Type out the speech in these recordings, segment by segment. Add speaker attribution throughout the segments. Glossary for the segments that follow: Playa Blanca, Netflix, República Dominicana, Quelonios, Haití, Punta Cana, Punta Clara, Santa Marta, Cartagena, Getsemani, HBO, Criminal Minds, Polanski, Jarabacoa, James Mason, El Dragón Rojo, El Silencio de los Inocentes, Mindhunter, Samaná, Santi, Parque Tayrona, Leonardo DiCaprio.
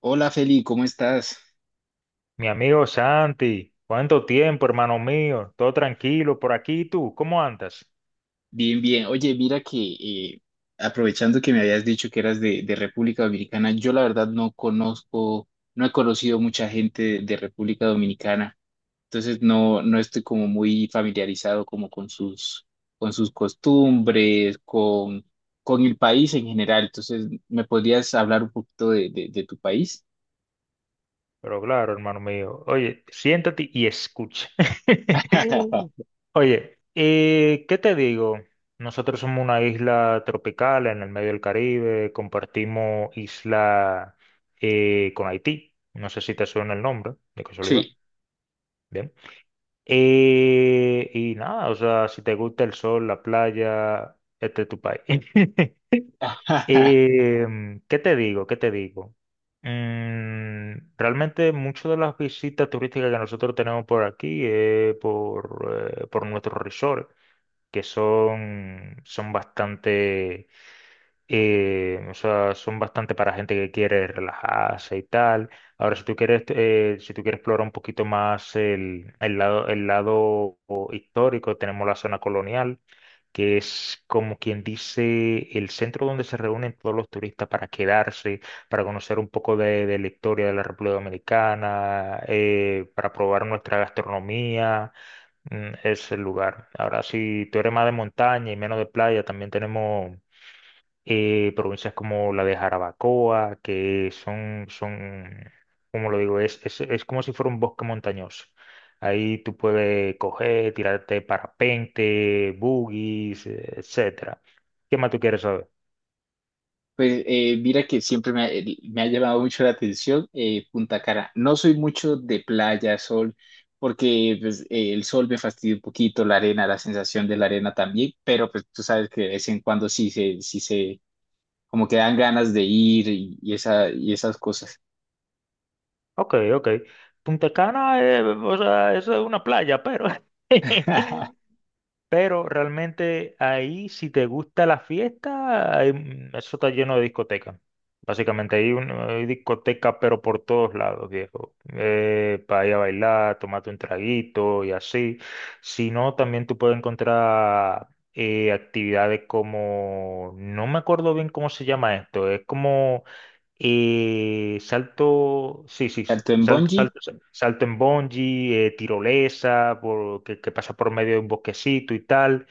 Speaker 1: Hola Feli, ¿cómo estás?
Speaker 2: Mi amigo Santi, ¿cuánto tiempo, hermano mío? Todo tranquilo por aquí, ¿y tú? ¿Cómo andas?
Speaker 1: Bien, bien. Oye, mira que aprovechando que me habías dicho que eras de República Dominicana, yo la verdad no conozco, no he conocido mucha gente de República Dominicana, entonces no estoy como muy familiarizado como con sus costumbres, con el país en general. Entonces, ¿me podrías hablar un poquito de tu país?
Speaker 2: Pero claro, hermano mío, oye, siéntate y escucha. Oye, ¿qué te digo? Nosotros somos una isla tropical en el medio del Caribe, compartimos isla con Haití. No sé si te suena el nombre, de casualidad.
Speaker 1: Sí.
Speaker 2: Bien. Y nada, o sea, si te gusta el sol, la playa, este es tu país. ¿Qué te digo? ¿Qué te digo? Realmente muchas de las visitas turísticas que nosotros tenemos por aquí es por nuestros resorts, que son bastante, o sea, son bastante para gente que quiere relajarse y tal. Ahora, si tú quieres, si tú quieres explorar un poquito más el lado, el lado histórico, tenemos la zona colonial que es como quien dice el centro donde se reúnen todos los turistas para quedarse, para conocer un poco de la historia de la República Dominicana, para probar nuestra gastronomía, es el lugar. Ahora, si tú eres más de montaña y menos de playa, también tenemos provincias como la de Jarabacoa, que como lo digo, es como si fuera un bosque montañoso. Ahí tú puedes coger, tirarte parapente, buggies, etcétera. ¿Qué más tú quieres saber?
Speaker 1: Pues mira que siempre me ha, me ha llamado mucho la atención Punta Cana. No soy mucho de playa, sol, porque pues, el sol me fastidia un poquito, la arena, la sensación de la arena también, pero pues tú sabes que de vez en cuando sí se, como que dan ganas de ir y esa, y esas cosas.
Speaker 2: Ok, ok. Punta Cana, o sea, eso es una playa, pero Pero realmente ahí, si te gusta la fiesta, ahí, eso está lleno de discotecas. Básicamente hay discotecas, pero por todos lados, viejo. Para ir a bailar, tomarte un traguito y así. Si no, también tú puedes encontrar actividades como, no me acuerdo bien cómo se llama esto, es como salto, sí, sí, sí.
Speaker 1: ¿Salto en bungee?
Speaker 2: Salto en bungee, tirolesa, que pasa por medio de un bosquecito y tal.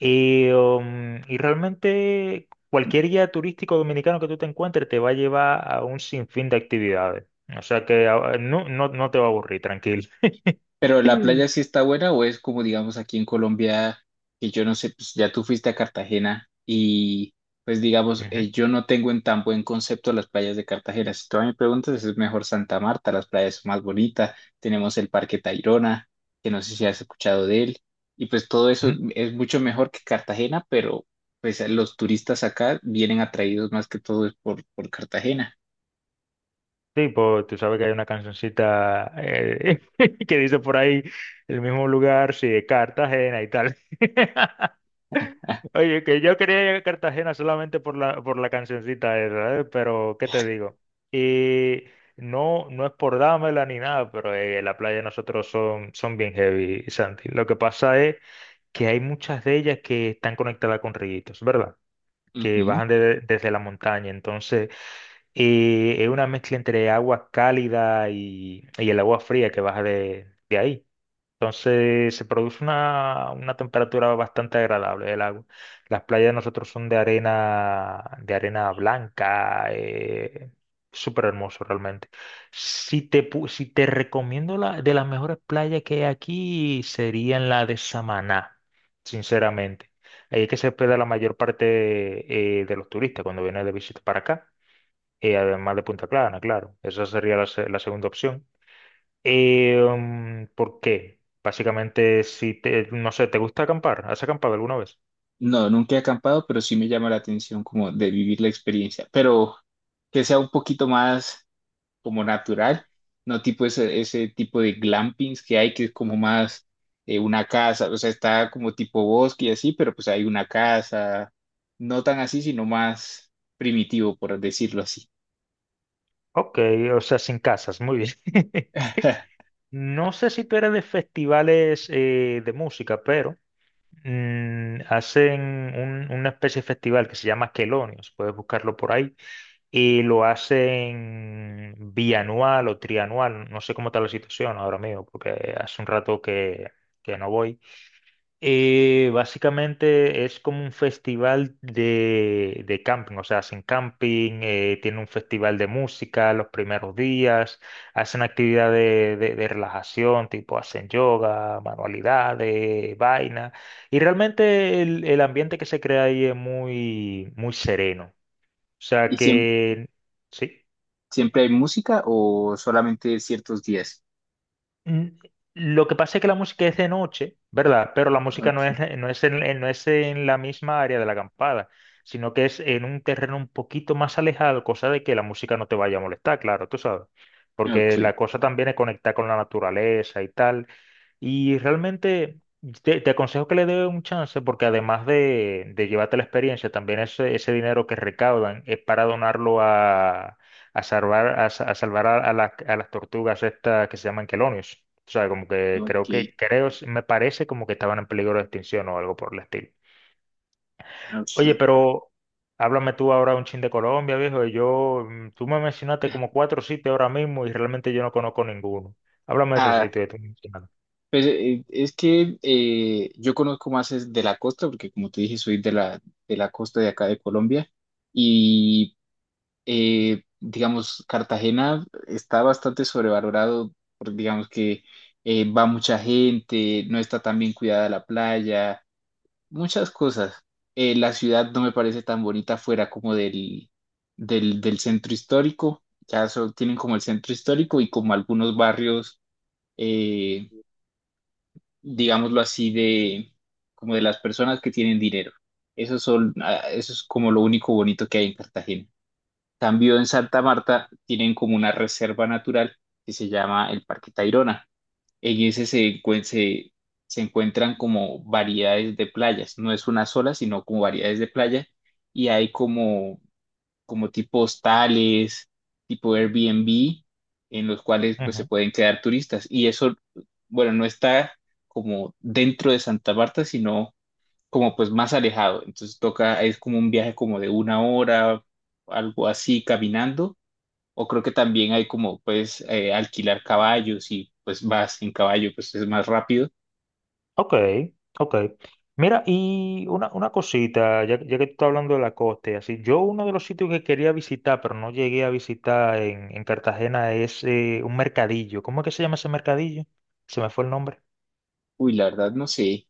Speaker 2: Y realmente cualquier guía turístico dominicano que tú te encuentres te va a llevar a un sinfín de actividades. O sea que no, no, no te va a aburrir, tranquilo.
Speaker 1: Pero la playa sí está buena o es como digamos aquí en Colombia, que yo no sé, pues ya tú fuiste a Cartagena y pues digamos,
Speaker 2: Ujú.
Speaker 1: yo no tengo en tan buen concepto las playas de Cartagena. Si tú a mí me preguntas, es mejor Santa Marta, las playas son más bonitas, tenemos el Parque Tayrona, que no sé si has escuchado de él, y pues todo eso
Speaker 2: Ujú.
Speaker 1: es mucho mejor que Cartagena, pero pues los turistas acá vienen atraídos más que todo es por Cartagena.
Speaker 2: Sí, pues tú sabes que hay una cancioncita que dice por ahí el mismo lugar, sí, de Cartagena y tal. Oye, que yo quería ir a Cartagena solamente por por la cancioncita esa, ¿eh? Pero, ¿qué te digo? Y no, no es por dármela ni nada, pero la playa de nosotros son bien heavy, Santi. Lo que pasa es que hay muchas de ellas que están conectadas con ríos, ¿verdad? Que
Speaker 1: Ujú.
Speaker 2: desde la montaña. Entonces, es una mezcla entre agua cálida y el agua fría que baja de ahí. Entonces se produce una temperatura bastante agradable del agua. Las playas de nosotros son de arena blanca, súper hermoso realmente. Si si te recomiendo de las mejores playas que hay aquí, serían la de Samaná, sinceramente. Ahí es que se hospeda la mayor parte de los turistas cuando vienen de visita para acá, además de Punta Clara, claro. Esa sería la segunda opción. ¿Por qué? Básicamente, si te, no sé, ¿te gusta acampar? ¿Has acampado alguna vez?
Speaker 1: No, nunca he acampado, pero sí me llama la atención como de vivir la experiencia, pero que sea un poquito más como
Speaker 2: Sí.
Speaker 1: natural, no tipo ese tipo de glampings que hay, que es como más una casa, o sea, está como tipo bosque y así, pero pues hay una casa, no tan así, sino más primitivo, por decirlo así.
Speaker 2: Ok, o sea, sin casas, muy bien. No sé si tú eres de festivales de música, pero hacen una especie de festival que se llama Quelonios, puedes buscarlo por ahí, y lo hacen bianual o trianual, no sé cómo está la situación ahora mismo, porque hace un rato que no voy. Básicamente es como un festival de camping, o sea, hacen camping, tiene un festival de música los primeros días, hacen actividades de relajación, tipo hacen yoga, manualidades, vaina, y realmente el ambiente que se crea ahí es muy, muy sereno, o sea
Speaker 1: ¿Y siem-
Speaker 2: que sí.
Speaker 1: Siempre hay música o solamente ciertos días?
Speaker 2: Mm, Lo que pasa es que la música es de noche, ¿verdad? Pero la música
Speaker 1: Ok,
Speaker 2: no es en, no es en la misma área de la acampada, sino que es en un terreno un poquito más alejado, cosa de que la música no te vaya a molestar, claro, tú sabes.
Speaker 1: ok,
Speaker 2: Porque la cosa también es conectar con la naturaleza y tal. Y realmente te aconsejo que le dé un chance porque además de llevarte la experiencia, también ese dinero que recaudan es para donarlo a, a salvar a las tortugas estas que se llaman quelonios. O sea, como
Speaker 1: ok,
Speaker 2: que, creo, me parece como que estaban en peligro de extinción o algo por el estilo.
Speaker 1: ok.
Speaker 2: Oye, pero háblame tú ahora un chin de Colombia, viejo. Tú me mencionaste como cuatro sitios ahora mismo y realmente yo no conozco ninguno. Háblame de esos
Speaker 1: Ah,
Speaker 2: sitios que tú mencionaste.
Speaker 1: pues es que yo conozco más es de la costa, porque como te dije, soy de la costa de acá de Colombia y digamos, Cartagena está bastante sobrevalorado, porque digamos que va mucha gente, no está tan bien cuidada la playa, muchas cosas. La ciudad no me parece tan bonita fuera como del, del centro histórico, ya solo tienen como el centro histórico y como algunos barrios. eh, Digámoslo así, de como de las personas que tienen dinero. Eso son, ah, eso es como lo único bonito que hay en Cartagena. Cambio en Santa Marta tienen como una reserva natural que se llama el Parque Tayrona. En ese se encuentran como variedades de playas. No es una sola, sino como variedades de playa. Y hay como tipo hostales, tipo Airbnb, en los cuales pues se pueden quedar turistas. Y eso, bueno, no está como dentro de Santa Marta, sino como pues más alejado. Entonces toca, es como un viaje como de una hora, algo así, caminando. O creo que también hay como pues alquilar caballos y pues vas en caballo, pues es más rápido.
Speaker 2: Ok, ok. Mira, y una cosita, ya que tú estás hablando de la costa y así, yo uno de los sitios que quería visitar, pero no llegué a visitar en Cartagena, es un mercadillo. ¿Cómo es que se llama ese mercadillo? Se me fue el nombre.
Speaker 1: Uy, la verdad no sé,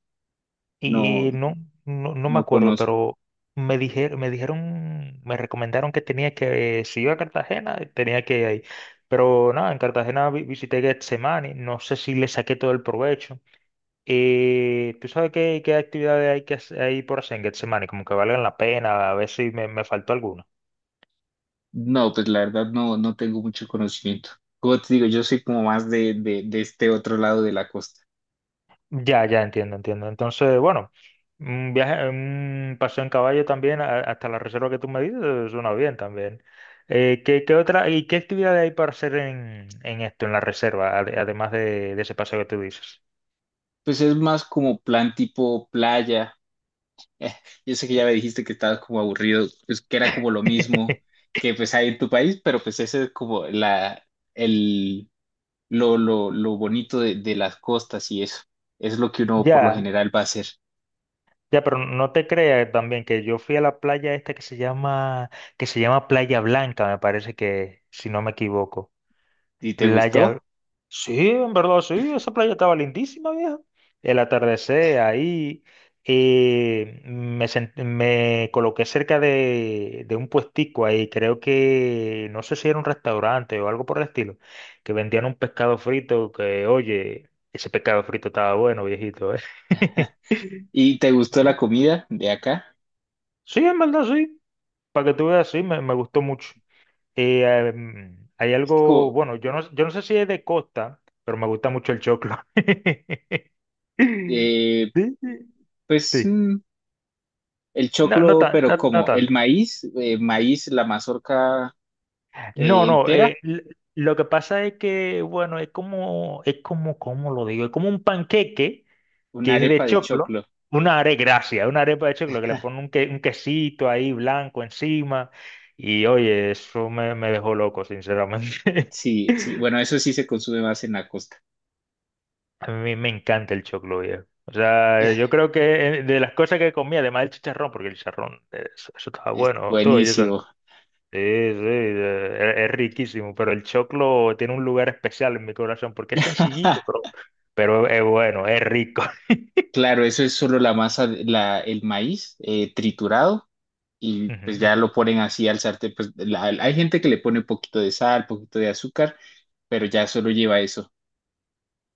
Speaker 1: no,
Speaker 2: Y no, no, no me
Speaker 1: no
Speaker 2: acuerdo,
Speaker 1: conozco.
Speaker 2: pero me recomendaron que tenía que, si iba a Cartagena, tenía que ir ahí. Pero nada, en Cartagena visité Getsemani, no sé si le saqué todo el provecho. Y tú sabes qué, qué actividades hay que hacer ahí por hacer en Getsemani, como que valgan la pena, a ver si me, me faltó alguna.
Speaker 1: No, pues la verdad no tengo mucho conocimiento. Como te digo, yo soy como más de este otro lado de la costa.
Speaker 2: Ya, ya entiendo, entiendo. Entonces, bueno, un viaje, un paseo en caballo también hasta la reserva que tú me dices suena bien también. ¿Qué, qué otra, y qué actividades hay para hacer en esto, en la reserva, además de ese paseo que tú dices?
Speaker 1: Pues es más como plan tipo playa. Eh, yo sé que ya me dijiste que estabas como aburrido, pues que era como lo mismo que pues hay en tu país, pero pues ese es como la, el, lo bonito de las costas y eso. Es lo que uno por lo
Speaker 2: Ya.
Speaker 1: general va a hacer.
Speaker 2: Ya, pero no te creas también que yo fui a la playa esta que se llama Playa Blanca, me parece que, si no me equivoco.
Speaker 1: ¿Y te
Speaker 2: Playa.
Speaker 1: gustó?
Speaker 2: Sí, en verdad, sí, esa playa estaba lindísima, vieja. El atardecer ahí, me coloqué cerca de un puestico ahí, creo que, no sé si era un restaurante o algo por el estilo, que vendían un pescado frito que, oye, ese pescado frito estaba bueno, viejito, ¿eh?
Speaker 1: ¿Y te gustó la comida de acá?
Speaker 2: Sí, en verdad, sí. Para que tú veas, sí, me gustó mucho. Hay
Speaker 1: Es que
Speaker 2: algo,
Speaker 1: como,
Speaker 2: bueno, yo no, yo no sé si es de costa, pero me gusta mucho el choclo.
Speaker 1: eh,
Speaker 2: Sí, sí.
Speaker 1: pues...
Speaker 2: Sí.
Speaker 1: mm, el
Speaker 2: No, no,
Speaker 1: choclo,
Speaker 2: tan,
Speaker 1: pero
Speaker 2: no, no
Speaker 1: como el
Speaker 2: tanto.
Speaker 1: maíz, maíz, la mazorca
Speaker 2: No, no,
Speaker 1: entera,
Speaker 2: lo que pasa es que, bueno, es como, ¿cómo lo digo? Es como un panqueque
Speaker 1: una
Speaker 2: que es de
Speaker 1: arepa de
Speaker 2: choclo,
Speaker 1: choclo.
Speaker 2: una arepa, gracias, una arepa de choclo que le pone un, un quesito ahí blanco encima. Y oye, eso me, me dejó loco, sinceramente.
Speaker 1: Sí, sí, bueno, eso sí se consume más en la costa.
Speaker 2: A mí me encanta el choclo viejo. O sea,
Speaker 1: Eh,
Speaker 2: yo creo que de las cosas que comía, además del chicharrón, porque el chicharrón, eso, eso estaba
Speaker 1: es
Speaker 2: bueno, todo y eso. Sí,
Speaker 1: buenísimo.
Speaker 2: sí, es riquísimo, pero el choclo tiene un lugar especial en mi corazón porque es sencillito, pero es bueno, es rico.
Speaker 1: Claro, eso es solo la masa, la, el maíz triturado y
Speaker 2: Ujú,
Speaker 1: pues ya
Speaker 2: ujú.
Speaker 1: lo ponen así al sartén. Hay gente que le pone un poquito de sal, poquito de azúcar, pero ya solo lleva eso.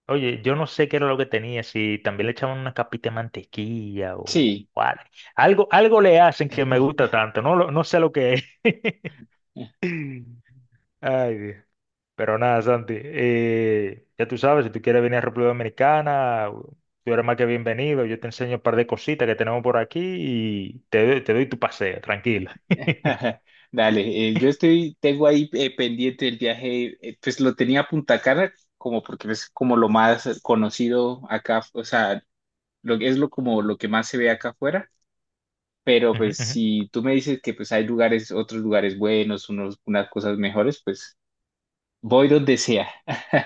Speaker 2: Oye, yo no sé qué era lo que tenía, si también le echaban una capita de mantequilla
Speaker 1: Sí.
Speaker 2: algo, algo le hacen que me gusta tanto, no sé lo que es. Ay, Dios. Pero nada, Santi, ya tú sabes, si tú quieres venir a República Dominicana, tú eres más que bienvenido. Yo te enseño un par de cositas que tenemos por aquí y te doy tu paseo, tranquila.
Speaker 1: Dale, yo estoy, tengo ahí pendiente el viaje, pues lo tenía a Punta Cana como porque es como lo más conocido acá, o sea, lo, es lo como lo que más se ve acá afuera, pero
Speaker 2: Ujú,
Speaker 1: pues
Speaker 2: ujú.
Speaker 1: si tú me dices que pues hay lugares, otros lugares buenos, unos, unas cosas mejores, pues voy donde sea.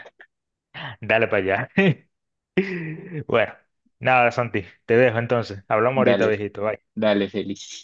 Speaker 2: Dale para allá. Bueno, nada, Santi, te dejo entonces. Hablamos ahorita,
Speaker 1: Dale,
Speaker 2: viejito. Bye.
Speaker 1: dale, Feli.